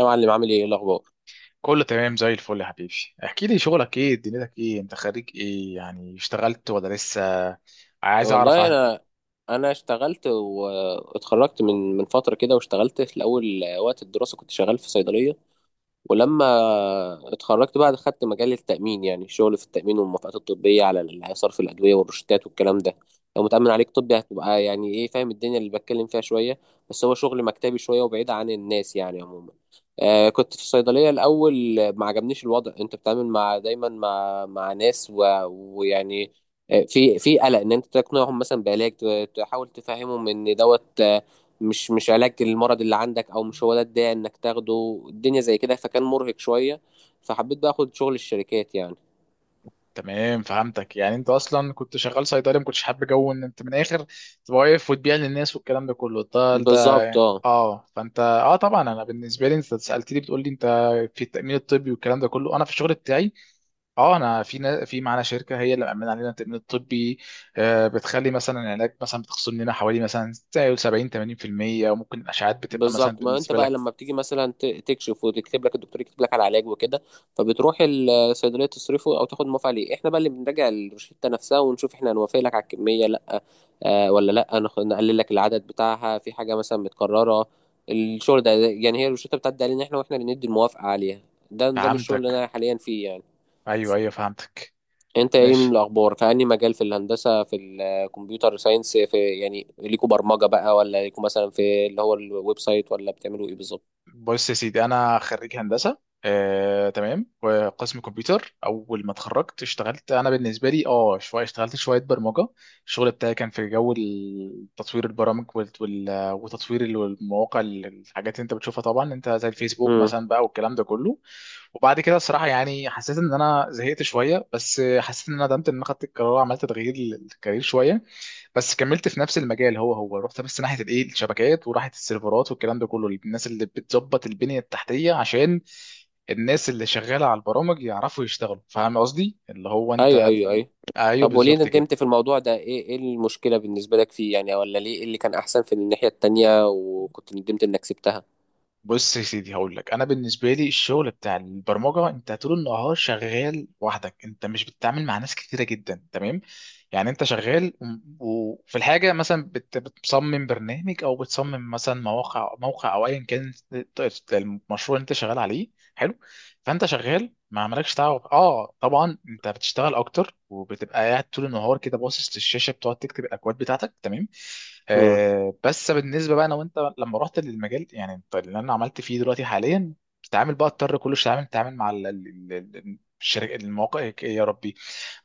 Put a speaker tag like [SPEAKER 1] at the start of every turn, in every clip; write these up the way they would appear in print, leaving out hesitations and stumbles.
[SPEAKER 1] يا معلم عامل ايه إيه الاخبار؟
[SPEAKER 2] كله تمام زي الفل يا حبيبي. احكي لي شغلك ايه، دنيتك ايه، انت خريج ايه؟ يعني اشتغلت ولا لسه؟ عايز اعرف
[SPEAKER 1] والله
[SPEAKER 2] عنه.
[SPEAKER 1] انا انا اشتغلت واتخرجت من فتره كده واشتغلت في الاول وقت الدراسه كنت شغال في صيدليه، ولما اتخرجت بقى خدت مجال التأمين، يعني شغل في التأمين والموافقات الطبية على صرف الأدوية والروشتات والكلام ده. لو متأمن عليك طبي هتبقى يعني إيه، فاهم الدنيا اللي بتكلم فيها شوية. بس هو شغل مكتبي شوية وبعيد عن الناس يعني عموما. آه كنت في الصيدلية الأول، آه، ما عجبنيش الوضع، أنت بتتعامل مع دايما مع ناس و... ويعني آه، في قلق ان انت تقنعهم مثلا بعلاج، تحاول تفهمهم ان دوت مش علاج المرض اللي عندك، او مش هو ده الداعي انك تاخده، الدنيا زي كده فكان مرهق شوية، فحبيت بقى اخد شغل الشركات يعني.
[SPEAKER 2] تمام، فهمتك. يعني انت اصلا كنت شغال صيدلي، ما كنتش حابب جو ان انت من الاخر تبقى واقف وتبيع للناس والكلام ده كله. ده ده
[SPEAKER 1] بالظبط اه.
[SPEAKER 2] اه فانت طبعا، انا بالنسبه لي، انت سالتني بتقول لي انت في التامين الطبي والكلام ده كله، انا في الشغل بتاعي اه انا في معانا شركه هي اللي مأمنه علينا التامين الطبي، بتخلي مثلا العلاج، مثلا بتخصم لنا حوالي مثلا زي 70 80% وممكن الاشعاعات بتبقى مثلا
[SPEAKER 1] بالظبط ما انت
[SPEAKER 2] بالنسبه
[SPEAKER 1] بقى
[SPEAKER 2] لك.
[SPEAKER 1] لما بتيجي مثلا تكشف وتكتب لك الدكتور، يكتب لك على علاج وكده، فبتروح الصيدليه تصرفه او تاخد موافقه عليه. احنا بقى اللي بنراجع الروشته نفسها، ونشوف احنا هنوافق لك على الكميه لا آه، ولا لا نخ- نقلل لك العدد بتاعها في حاجه مثلا متكرره. الشغل ده يعني، هي الروشته بتعدي علينا احنا، واحنا اللي ندي الموافقه عليها. ده نظام الشغل اللي
[SPEAKER 2] فهمتك،
[SPEAKER 1] انا حاليا فيه يعني.
[SPEAKER 2] ايوه ايوه، فهمتك.
[SPEAKER 1] انت ايه من
[SPEAKER 2] ماشي.
[SPEAKER 1] الاخبار؟ في انهي مجال؟ في الهندسه، في الكمبيوتر ساينس، في يعني ليكوا برمجه بقى، ولا ليكوا مثلا في اللي هو الويب سايت، ولا بتعملوا ايه بالظبط؟
[SPEAKER 2] بص يا سيدي، انا خريج هندسه، تمام، وقسم كمبيوتر. اول ما اتخرجت اشتغلت، انا بالنسبه لي شويه، اشتغلت شويه برمجه. الشغل بتاعي كان في جو تطوير البرامج وتطوير المواقع، الحاجات اللي انت بتشوفها طبعا انت، زي الفيسبوك
[SPEAKER 1] امم.
[SPEAKER 2] مثلا بقى والكلام ده كله. وبعد كده الصراحه، يعني حسيت ان انا زهقت شويه، بس حسيت ان انا ندمت ان انا خدت القرار، عملت تغيير للكارير شويه. بس كملت في نفس المجال، هو هو، رحت بس ناحيه الايه، الشبكات، وراحت السيرفرات والكلام ده كله، الناس اللي بتظبط البنيه التحتيه عشان الناس اللي شغاله على البرامج يعرفوا يشتغلوا. فاهم قصدي اللي هو
[SPEAKER 1] ايوه
[SPEAKER 2] انت؟
[SPEAKER 1] ايوه ايوه.
[SPEAKER 2] ايوه،
[SPEAKER 1] طب وليه
[SPEAKER 2] بالظبط كده.
[SPEAKER 1] ندمت في الموضوع ده؟ ايه ايه المشكله بالنسبه لك فيه يعني؟ ولا ليه، ايه اللي كان احسن في الناحيه التانية وكنت ندمت انك سبتها؟
[SPEAKER 2] بص يا سيدي، هقول لك انا. بالنسبه لي الشغل بتاع البرمجه، انت طول النهار شغال وحدك، انت مش بتتعامل مع ناس كتيره جدا، تمام؟ يعني انت شغال وفي الحاجه مثلا بتصمم برنامج، او بتصمم مثلا موقع، او ايا كان المشروع اللي انت شغال عليه حلو. فانت شغال، ما عملكش تعب. اه طبعا انت بتشتغل اكتر وبتبقى قاعد طول النهار كده باصص للشاشه، بتقعد تكتب الاكواد بتاعتك، تمام. آه بس بالنسبه بقى انا وانت، لما رحت للمجال يعني انت اللي انا عملت فيه دلوقتي حاليا، بتتعامل بقى، اضطر كل شويه تتعامل، مع الشركه، المواقع، يا ربي،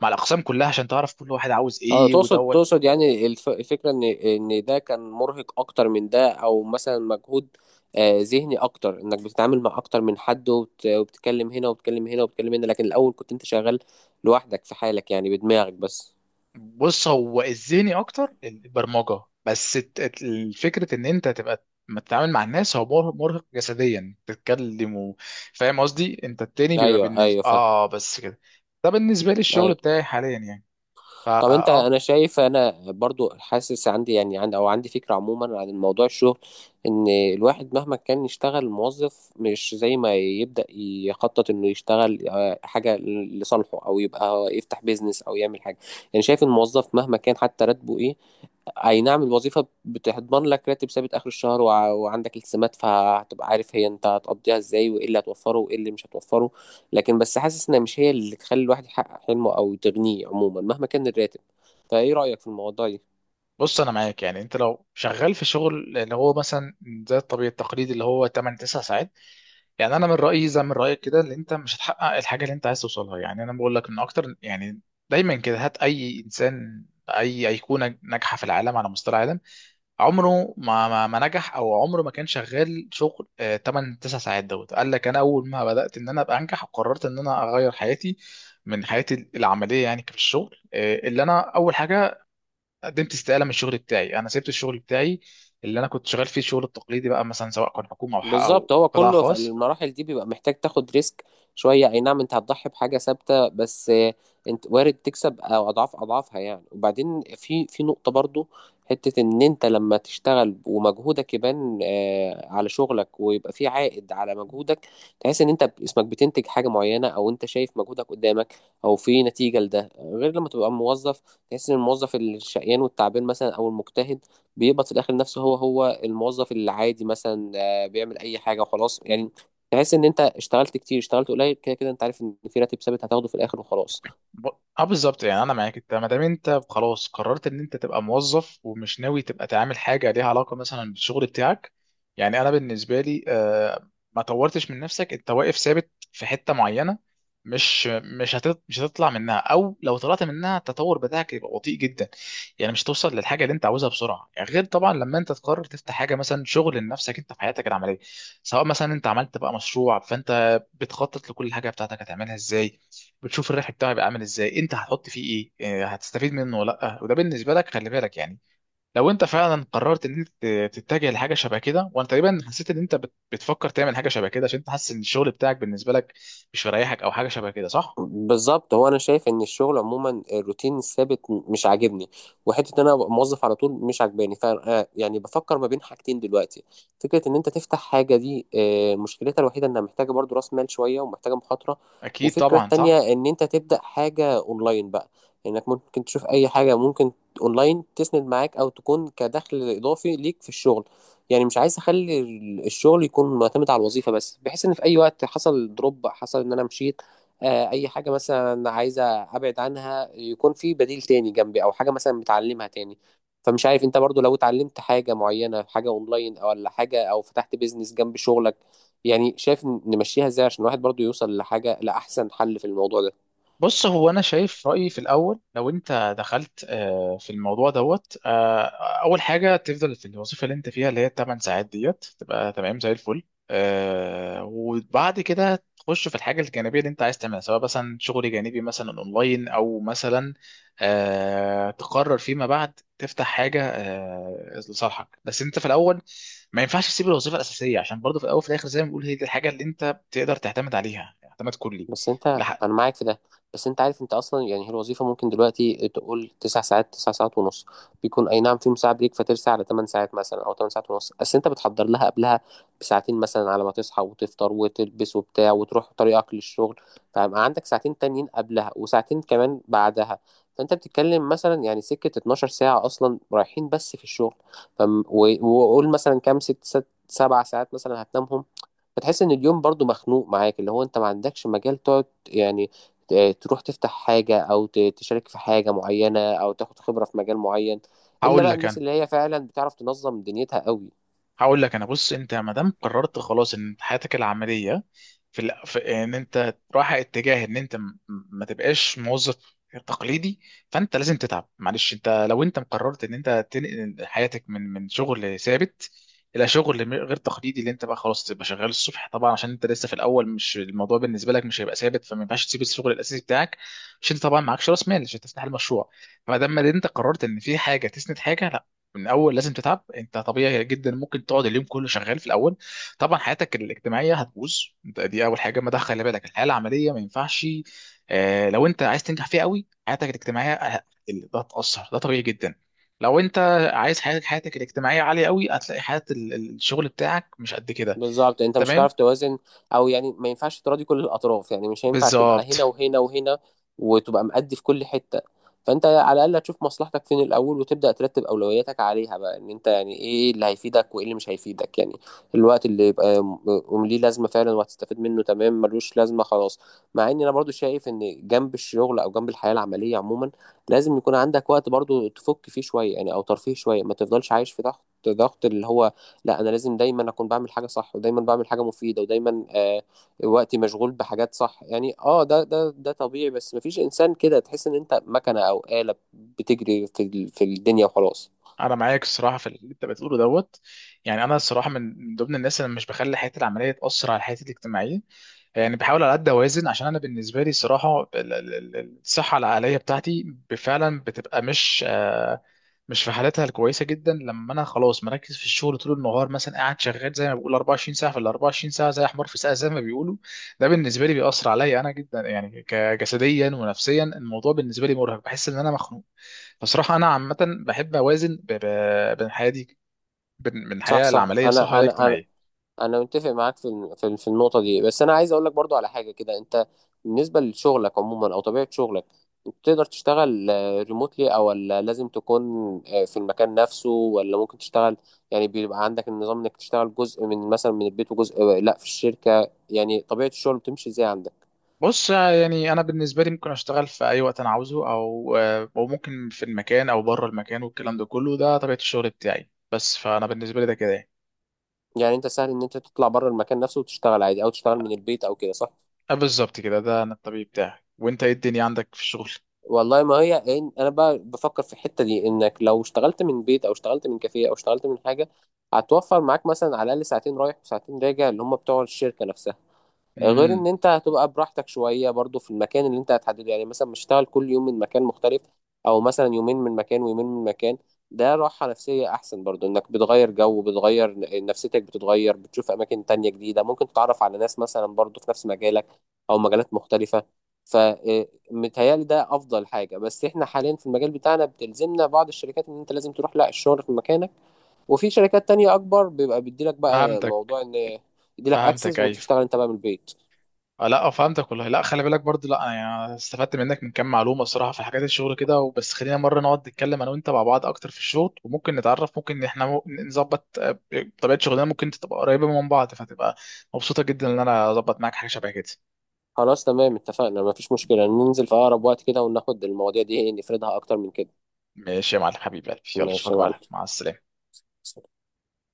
[SPEAKER 2] مع الاقسام كلها، عشان تعرف كل واحد عاوز
[SPEAKER 1] اه،
[SPEAKER 2] ايه
[SPEAKER 1] تقصد
[SPEAKER 2] ودوت.
[SPEAKER 1] تقصد يعني الفكرة ان ده كان مرهق اكتر من ده، او مثلا مجهود آه، ذهني اكتر، انك بتتعامل مع اكتر من حد، وبتتكلم هنا وبتتكلم هنا وبتتكلم هنا، لكن الاول كنت انت شغال لوحدك في حالك يعني، بدماغك بس.
[SPEAKER 2] بص هو الذهني اكتر البرمجه، بس الفكره ان انت تبقى ما تتعامل مع الناس، هو مرهق جسديا، تتكلم فاهم قصدي؟ انت التاني بيبقى
[SPEAKER 1] ايوه
[SPEAKER 2] بالنسبه
[SPEAKER 1] ايوه فاهم.
[SPEAKER 2] بس كده. ده بالنسبه لي الشغل
[SPEAKER 1] أيوه.
[SPEAKER 2] بتاعي حاليا يعني. فا
[SPEAKER 1] طب انت،
[SPEAKER 2] اه
[SPEAKER 1] انا شايف، انا برضو حاسس عندي يعني، عندي او عندي فكرة عموما عن الموضوع، الشغل ان الواحد مهما كان يشتغل موظف، مش زي ما يبدأ يخطط انه يشتغل آه، حاجة لصالحه، او يبقى يفتح بيزنس، او يعمل حاجة. يعني شايف الموظف مهما كان حتى راتبه ايه، اي نعم الوظيفة بتضمن لك راتب ثابت اخر الشهر، وعندك التزامات، فهتبقى عارف هي انت هتقضيها ازاي، وايه اللي هتوفره وايه اللي مش هتوفره. لكن بس حاسس انها مش هي اللي تخلي الواحد يحقق حلمه، او تغنيه عموما مهما كان الراتب. فايه رأيك في الموضوع ده؟
[SPEAKER 2] بص انا معاك. يعني انت لو شغال في شغل اللي هو مثلا زي الطبيعي التقليدي اللي هو 8 9 ساعات، يعني انا من رايي زي من رايك كده، اللي انت مش هتحقق الحاجه اللي انت عايز توصلها. يعني انا بقول لك ان اكتر يعني، دايما كده هات اي انسان، اي ايقونه ناجحه في العالم على مستوى العالم، عمره ما نجح او عمره ما كان شغال شغل 8 9 ساعات دوت. قال لك انا اول ما بدات ان انا ابقى انجح وقررت ان انا اغير حياتي من حياتي العمليه، يعني في الشغل، اللي انا اول حاجه قدمت استقاله من الشغل بتاعي، انا سبت الشغل بتاعي اللي انا كنت شغال فيه الشغل التقليدي بقى، مثلا سواء كان حكومه او او
[SPEAKER 1] بالظبط، هو
[SPEAKER 2] قطاع
[SPEAKER 1] كله في
[SPEAKER 2] خاص.
[SPEAKER 1] المراحل دي بيبقى محتاج تاخد ريسك شوية. اي نعم انت هتضحي بحاجة ثابتة، بس آه، انت وارد تكسب او اضعاف اضعافها يعني. وبعدين في نقطة برضو، حتة ان انت لما تشتغل ومجهودك يبان آه، على شغلك، ويبقى في عائد على مجهودك، تحس ان انت اسمك بتنتج حاجة معينة، او انت شايف مجهودك قدامك، او في نتيجة لده، غير لما تبقى موظف. تحس ان الموظف الشقيان والتعبان مثلا او المجتهد، بيقبض في الاخر نفسه هو هو الموظف العادي مثلا، ولا بيعمل اي حاجه وخلاص يعني. تحس ان انت اشتغلت كتير اشتغلت قليل، كده كده انت عارف ان في راتب ثابت هتاخده في الاخر وخلاص.
[SPEAKER 2] ب- اه بالظبط. يعني انا معاك، انت ما دام انت خلاص قررت ان انت تبقى موظف ومش ناوي تبقى تعمل حاجه ليها علاقه مثلا بالشغل بتاعك، يعني انا بالنسبه لي، ما طورتش من نفسك، انت واقف ثابت في حته معينه، مش هتطلع منها، او لو طلعت منها التطور بتاعك يبقى بطيء جدا، يعني مش توصل للحاجه اللي انت عاوزها بسرعه. يعني غير طبعا لما انت تقرر تفتح حاجه مثلا، شغل لنفسك انت في حياتك العمليه، سواء مثلا انت عملت بقى مشروع، فانت بتخطط لكل حاجه بتاعتك هتعملها ازاي، بتشوف الربح بتاعه يبقى عامل ازاي، انت هتحط فيه ايه، إيه هتستفيد منه ولا لا، وده بالنسبه لك خلي بالك يعني. لو انت فعلا قررت ان انت تتجه لحاجه شبه كده، وانا تقريبا حسيت ان انت بتفكر تعمل حاجه شبه كده، عشان انت حاسس ان الشغل بتاعك بالنسبه لك مش مريحك، او حاجه شبه كده، صح؟
[SPEAKER 1] بالظبط، هو انا شايف ان الشغل عموما الروتين الثابت مش عاجبني. وحته ان انا ابقى موظف على طول مش عاجباني، ف آه، يعني بفكر ما بين حاجتين دلوقتي. فكره ان انت تفتح حاجه، دي آه، مشكلتها الوحيده انها محتاجه برضو راس مال شويه، ومحتاجه مخاطره.
[SPEAKER 2] اكيد
[SPEAKER 1] وفكره
[SPEAKER 2] طبعا،
[SPEAKER 1] التانية
[SPEAKER 2] صح.
[SPEAKER 1] ان انت تبدا حاجه اونلاين بقى، انك ممكن تشوف اي حاجه ممكن اونلاين تسند معاك، او تكون كدخل اضافي ليك في الشغل. يعني مش عايز اخلي الشغل يكون معتمد على الوظيفه بس، بحيث ان في اي وقت حصل دروب، حصل ان انا مشيت آه، اي حاجه مثلا عايزه ابعد عنها، يكون في بديل تاني جنبي، او حاجه مثلا بتعلمها تاني. فمش عارف انت برضو، لو اتعلمت حاجه معينه، حاجه اونلاين او ولا حاجه، او فتحت بيزنس جنب شغلك. يعني شايف نمشيها ازاي عشان الواحد برضو يوصل لحاجه، لاحسن حل في الموضوع ده؟
[SPEAKER 2] بص هو انا شايف رايي في الاول، لو انت دخلت في الموضوع دوت، اول حاجه تفضل في الوظيفه اللي انت فيها اللي هي 8 ساعات ديت، تبقى تمام زي الفل، وبعد كده تخش في الحاجه الجانبيه اللي انت عايز تعملها، سواء مثلا شغل جانبي مثلا اونلاين، او مثلا تقرر فيما بعد تفتح حاجه لصالحك. بس انت في الاول ما ينفعش تسيب الوظيفه الاساسيه، عشان برضه في الاول وفي الاخر زي ما بنقول هي دي الحاجه اللي انت تقدر تعتمد عليها اعتماد كلي.
[SPEAKER 1] بس انت،
[SPEAKER 2] لح-
[SPEAKER 1] انا معاك في ده. بس انت عارف انت اصلا، يعني هي الوظيفه ممكن دلوقتي تقول 9 ساعات، 9 ساعات ونص، بيكون اي نعم فيهم ساعه بريك، فترسى على 8 ساعات مثلا او 8 ساعات ونص. بس انت بتحضر لها قبلها بساعتين مثلا، على ما تصحى وتفطر وتلبس وبتاع وتروح طريقك للشغل، فيبقى عندك 2 ساعتين تانيين قبلها وساعتين كمان بعدها. فانت بتتكلم مثلا يعني سكه 12 ساعه اصلا رايحين بس في الشغل. وقول مثلا كام، ست سبع ساعات مثلا هتنامهم. بتحس ان اليوم برضو مخنوق معاك، اللي هو انت ما عندكش مجال تقعد يعني آه، تروح تفتح حاجة، او تشارك في حاجة معينة، او تاخد خبرة في مجال معين، الا
[SPEAKER 2] هقول
[SPEAKER 1] بقى
[SPEAKER 2] لك
[SPEAKER 1] الناس
[SPEAKER 2] انا
[SPEAKER 1] اللي هي فعلا بتعرف تنظم دنيتها قوي.
[SPEAKER 2] هقول لك انا. بص انت ما دام قررت خلاص ان حياتك العمليه في, ال... في ان انت رايح اتجاه ان انت ما تبقاش موظف تقليدي، فانت لازم تتعب، معلش. انت لو انت مقررت ان انت تنقل حياتك من شغل ثابت الى شغل غير تقليدي، اللي انت بقى خلاص تبقى شغال الصبح، طبعا عشان انت لسه في الاول، مش الموضوع بالنسبه لك مش هيبقى ثابت، فما ينفعش تسيب الشغل الاساسي بتاعك، عشان انت طبعا معكش راس مال عشان تفتح المشروع. فما دام ما انت قررت ان في حاجه تسند حاجه، من اول لازم تتعب. انت طبيعي جدا ممكن تقعد اليوم كله شغال في الاول، طبعا حياتك الاجتماعيه هتبوظ، انت دي اول حاجه، ما ده خلي بالك الحياه العمليه ما ينفعش، آه، لو انت عايز تنجح فيها قوي حياتك الاجتماعيه ده هتاثر، ده طبيعي جدا. لو انت عايز حياتك، حياتك الاجتماعيه عاليه قوي، هتلاقي حياه الشغل بتاعك مش قد كده.
[SPEAKER 1] بالظبط، يعني انت مش
[SPEAKER 2] تمام.
[SPEAKER 1] هتعرف توازن. او يعني ما ينفعش تراضي كل الاطراف، يعني مش هينفع تبقى هنا
[SPEAKER 2] بالظبط.
[SPEAKER 1] وهنا وهنا وتبقى مأدي في كل حتة. فانت على الاقل هتشوف مصلحتك فين الاول، وتبدأ ترتب اولوياتك عليها بقى، ان انت يعني ايه اللي هيفيدك وايه اللي مش هيفيدك يعني. الوقت اللي يبقى ليه لازمة فعلا وهتستفيد منه تمام، ملوش لازمة خلاص. مع ان انا برضو شايف ان جنب الشغل او جنب الحياة العملية عموما، لازم يكون عندك وقت برضو تفك فيه شوية يعني، او ترفيه شوية، ما تفضلش عايش في ضغط. ضغط اللي هو، لا انا لازم دايما اكون بعمل حاجه صح، ودايما بعمل حاجه مفيده، ودايما آه وقتي مشغول بحاجات صح يعني، اه ده طبيعي، بس مفيش انسان كده، تحس ان انت مكنه او آلة بتجري في في الدنيا وخلاص.
[SPEAKER 2] انا معاك الصراحه في اللي انت بتقوله دوت. يعني انا الصراحه من من ضمن الناس اللي مش بخلي حياتي العمليه تاثر على حياتي الاجتماعيه، يعني بحاول على قد اوازن، عشان انا بالنسبه لي صراحه الصحه العقليه بتاعتي فعلا بتبقى مش مش في حالتها الكويسه جدا لما انا خلاص مركز في الشغل طول النهار، مثلا قاعد شغال زي ما بقول 24 ساعه في ال 24 ساعه زي حمار في ساقه زي ما بيقولوا. ده بالنسبه لي بيأثر عليا انا جدا، يعني كجسديا ونفسيا الموضوع بالنسبه لي مرهق، بحس ان انا مخنوق. فصراحه انا عامه بحب اوازن بين حياتي، بين
[SPEAKER 1] صح
[SPEAKER 2] الحياه
[SPEAKER 1] صح،
[SPEAKER 2] العمليه الصراحه
[SPEAKER 1] انا
[SPEAKER 2] والاجتماعيه.
[SPEAKER 1] انا متفق معاك في في النقطه دي. بس انا عايز اقول لك برضو على حاجه كده، انت بالنسبه لشغلك عموما او طبيعه شغلك، انت تقدر تشتغل ريموتلي او ولا لازم تكون آه، في المكان نفسه؟ ولا ممكن تشتغل، يعني بيبقى عندك النظام انك تشتغل جزء من مثلا من البيت وجزء آه، لا في الشركه؟ يعني طبيعه الشغل بتمشي ازاي عندك؟
[SPEAKER 2] بص يعني انا بالنسبه لي ممكن اشتغل في اي وقت انا عاوزه، او او ممكن في المكان او بره المكان والكلام ده كله، ده طبيعه الشغل بتاعي بس، فانا بالنسبه لي ده كده يعني.
[SPEAKER 1] يعني انت سهل ان انت تطلع بره المكان نفسه وتشتغل عادي، او تشتغل من البيت او كده، صح؟
[SPEAKER 2] بالظبط كده، ده انا الطبيعي بتاعي. وانت ايه الدنيا عندك في الشغل؟
[SPEAKER 1] والله ما هي انا بقى بفكر في الحته دي، انك لو اشتغلت من بيت، او اشتغلت من كافيه، او اشتغلت من حاجه، هتوفر معاك مثلا على الاقل ساعتين رايح وساعتين راجع اللي هم بتوع الشركه نفسها. غير ان
[SPEAKER 2] امم.
[SPEAKER 1] انت هتبقى براحتك شويه برضو في المكان اللي انت هتحدده، يعني مثلا مش هشتغل كل يوم من مكان مختلف، او مثلا يومين من مكان ويومين من مكان. ده راحه نفسيه احسن برضو، انك بتغير جو، بتغير نفسيتك، بتتغير بتشوف اماكن تانية جديده، ممكن تتعرف على ناس مثلا برضو في نفس مجالك او مجالات مختلفه. فمتهيألي ده افضل حاجه. بس احنا حاليا في المجال بتاعنا بتلزمنا بعض الشركات ان انت لازم تروح لا الشغل في مكانك. وفي شركات تانية اكبر بيبقى بيديلك بقى
[SPEAKER 2] فهمتك.
[SPEAKER 1] موضوع ان يديلك
[SPEAKER 2] فهمتك،
[SPEAKER 1] اكسس
[SPEAKER 2] ايوه.
[SPEAKER 1] وتشتغل انت بقى من البيت.
[SPEAKER 2] آه، لا آه، فهمتك والله. لا خلي بالك برضه، لا يعني استفدت منك من كام معلومه الصراحه في حاجات الشغل كده. وبس خلينا مره نقعد نتكلم انا وانت مع بعض اكتر في الشغل، وممكن نتعرف، ممكن احنا نظبط، طبيعه شغلنا ممكن تبقى قريبه من بعض، فتبقى مبسوطه جدا ان انا اظبط معاك حاجه شبه كده.
[SPEAKER 1] خلاص تمام، اتفقنا، مفيش مشكلة، ننزل في أقرب وقت كده وناخد المواضيع دي إيه، نفردها أكتر من كده.
[SPEAKER 2] ماشي يا معلم، حبيبي قلبي. يلا
[SPEAKER 1] ماشي
[SPEAKER 2] اشوفك
[SPEAKER 1] يا معلم.
[SPEAKER 2] بقى، مع السلامه.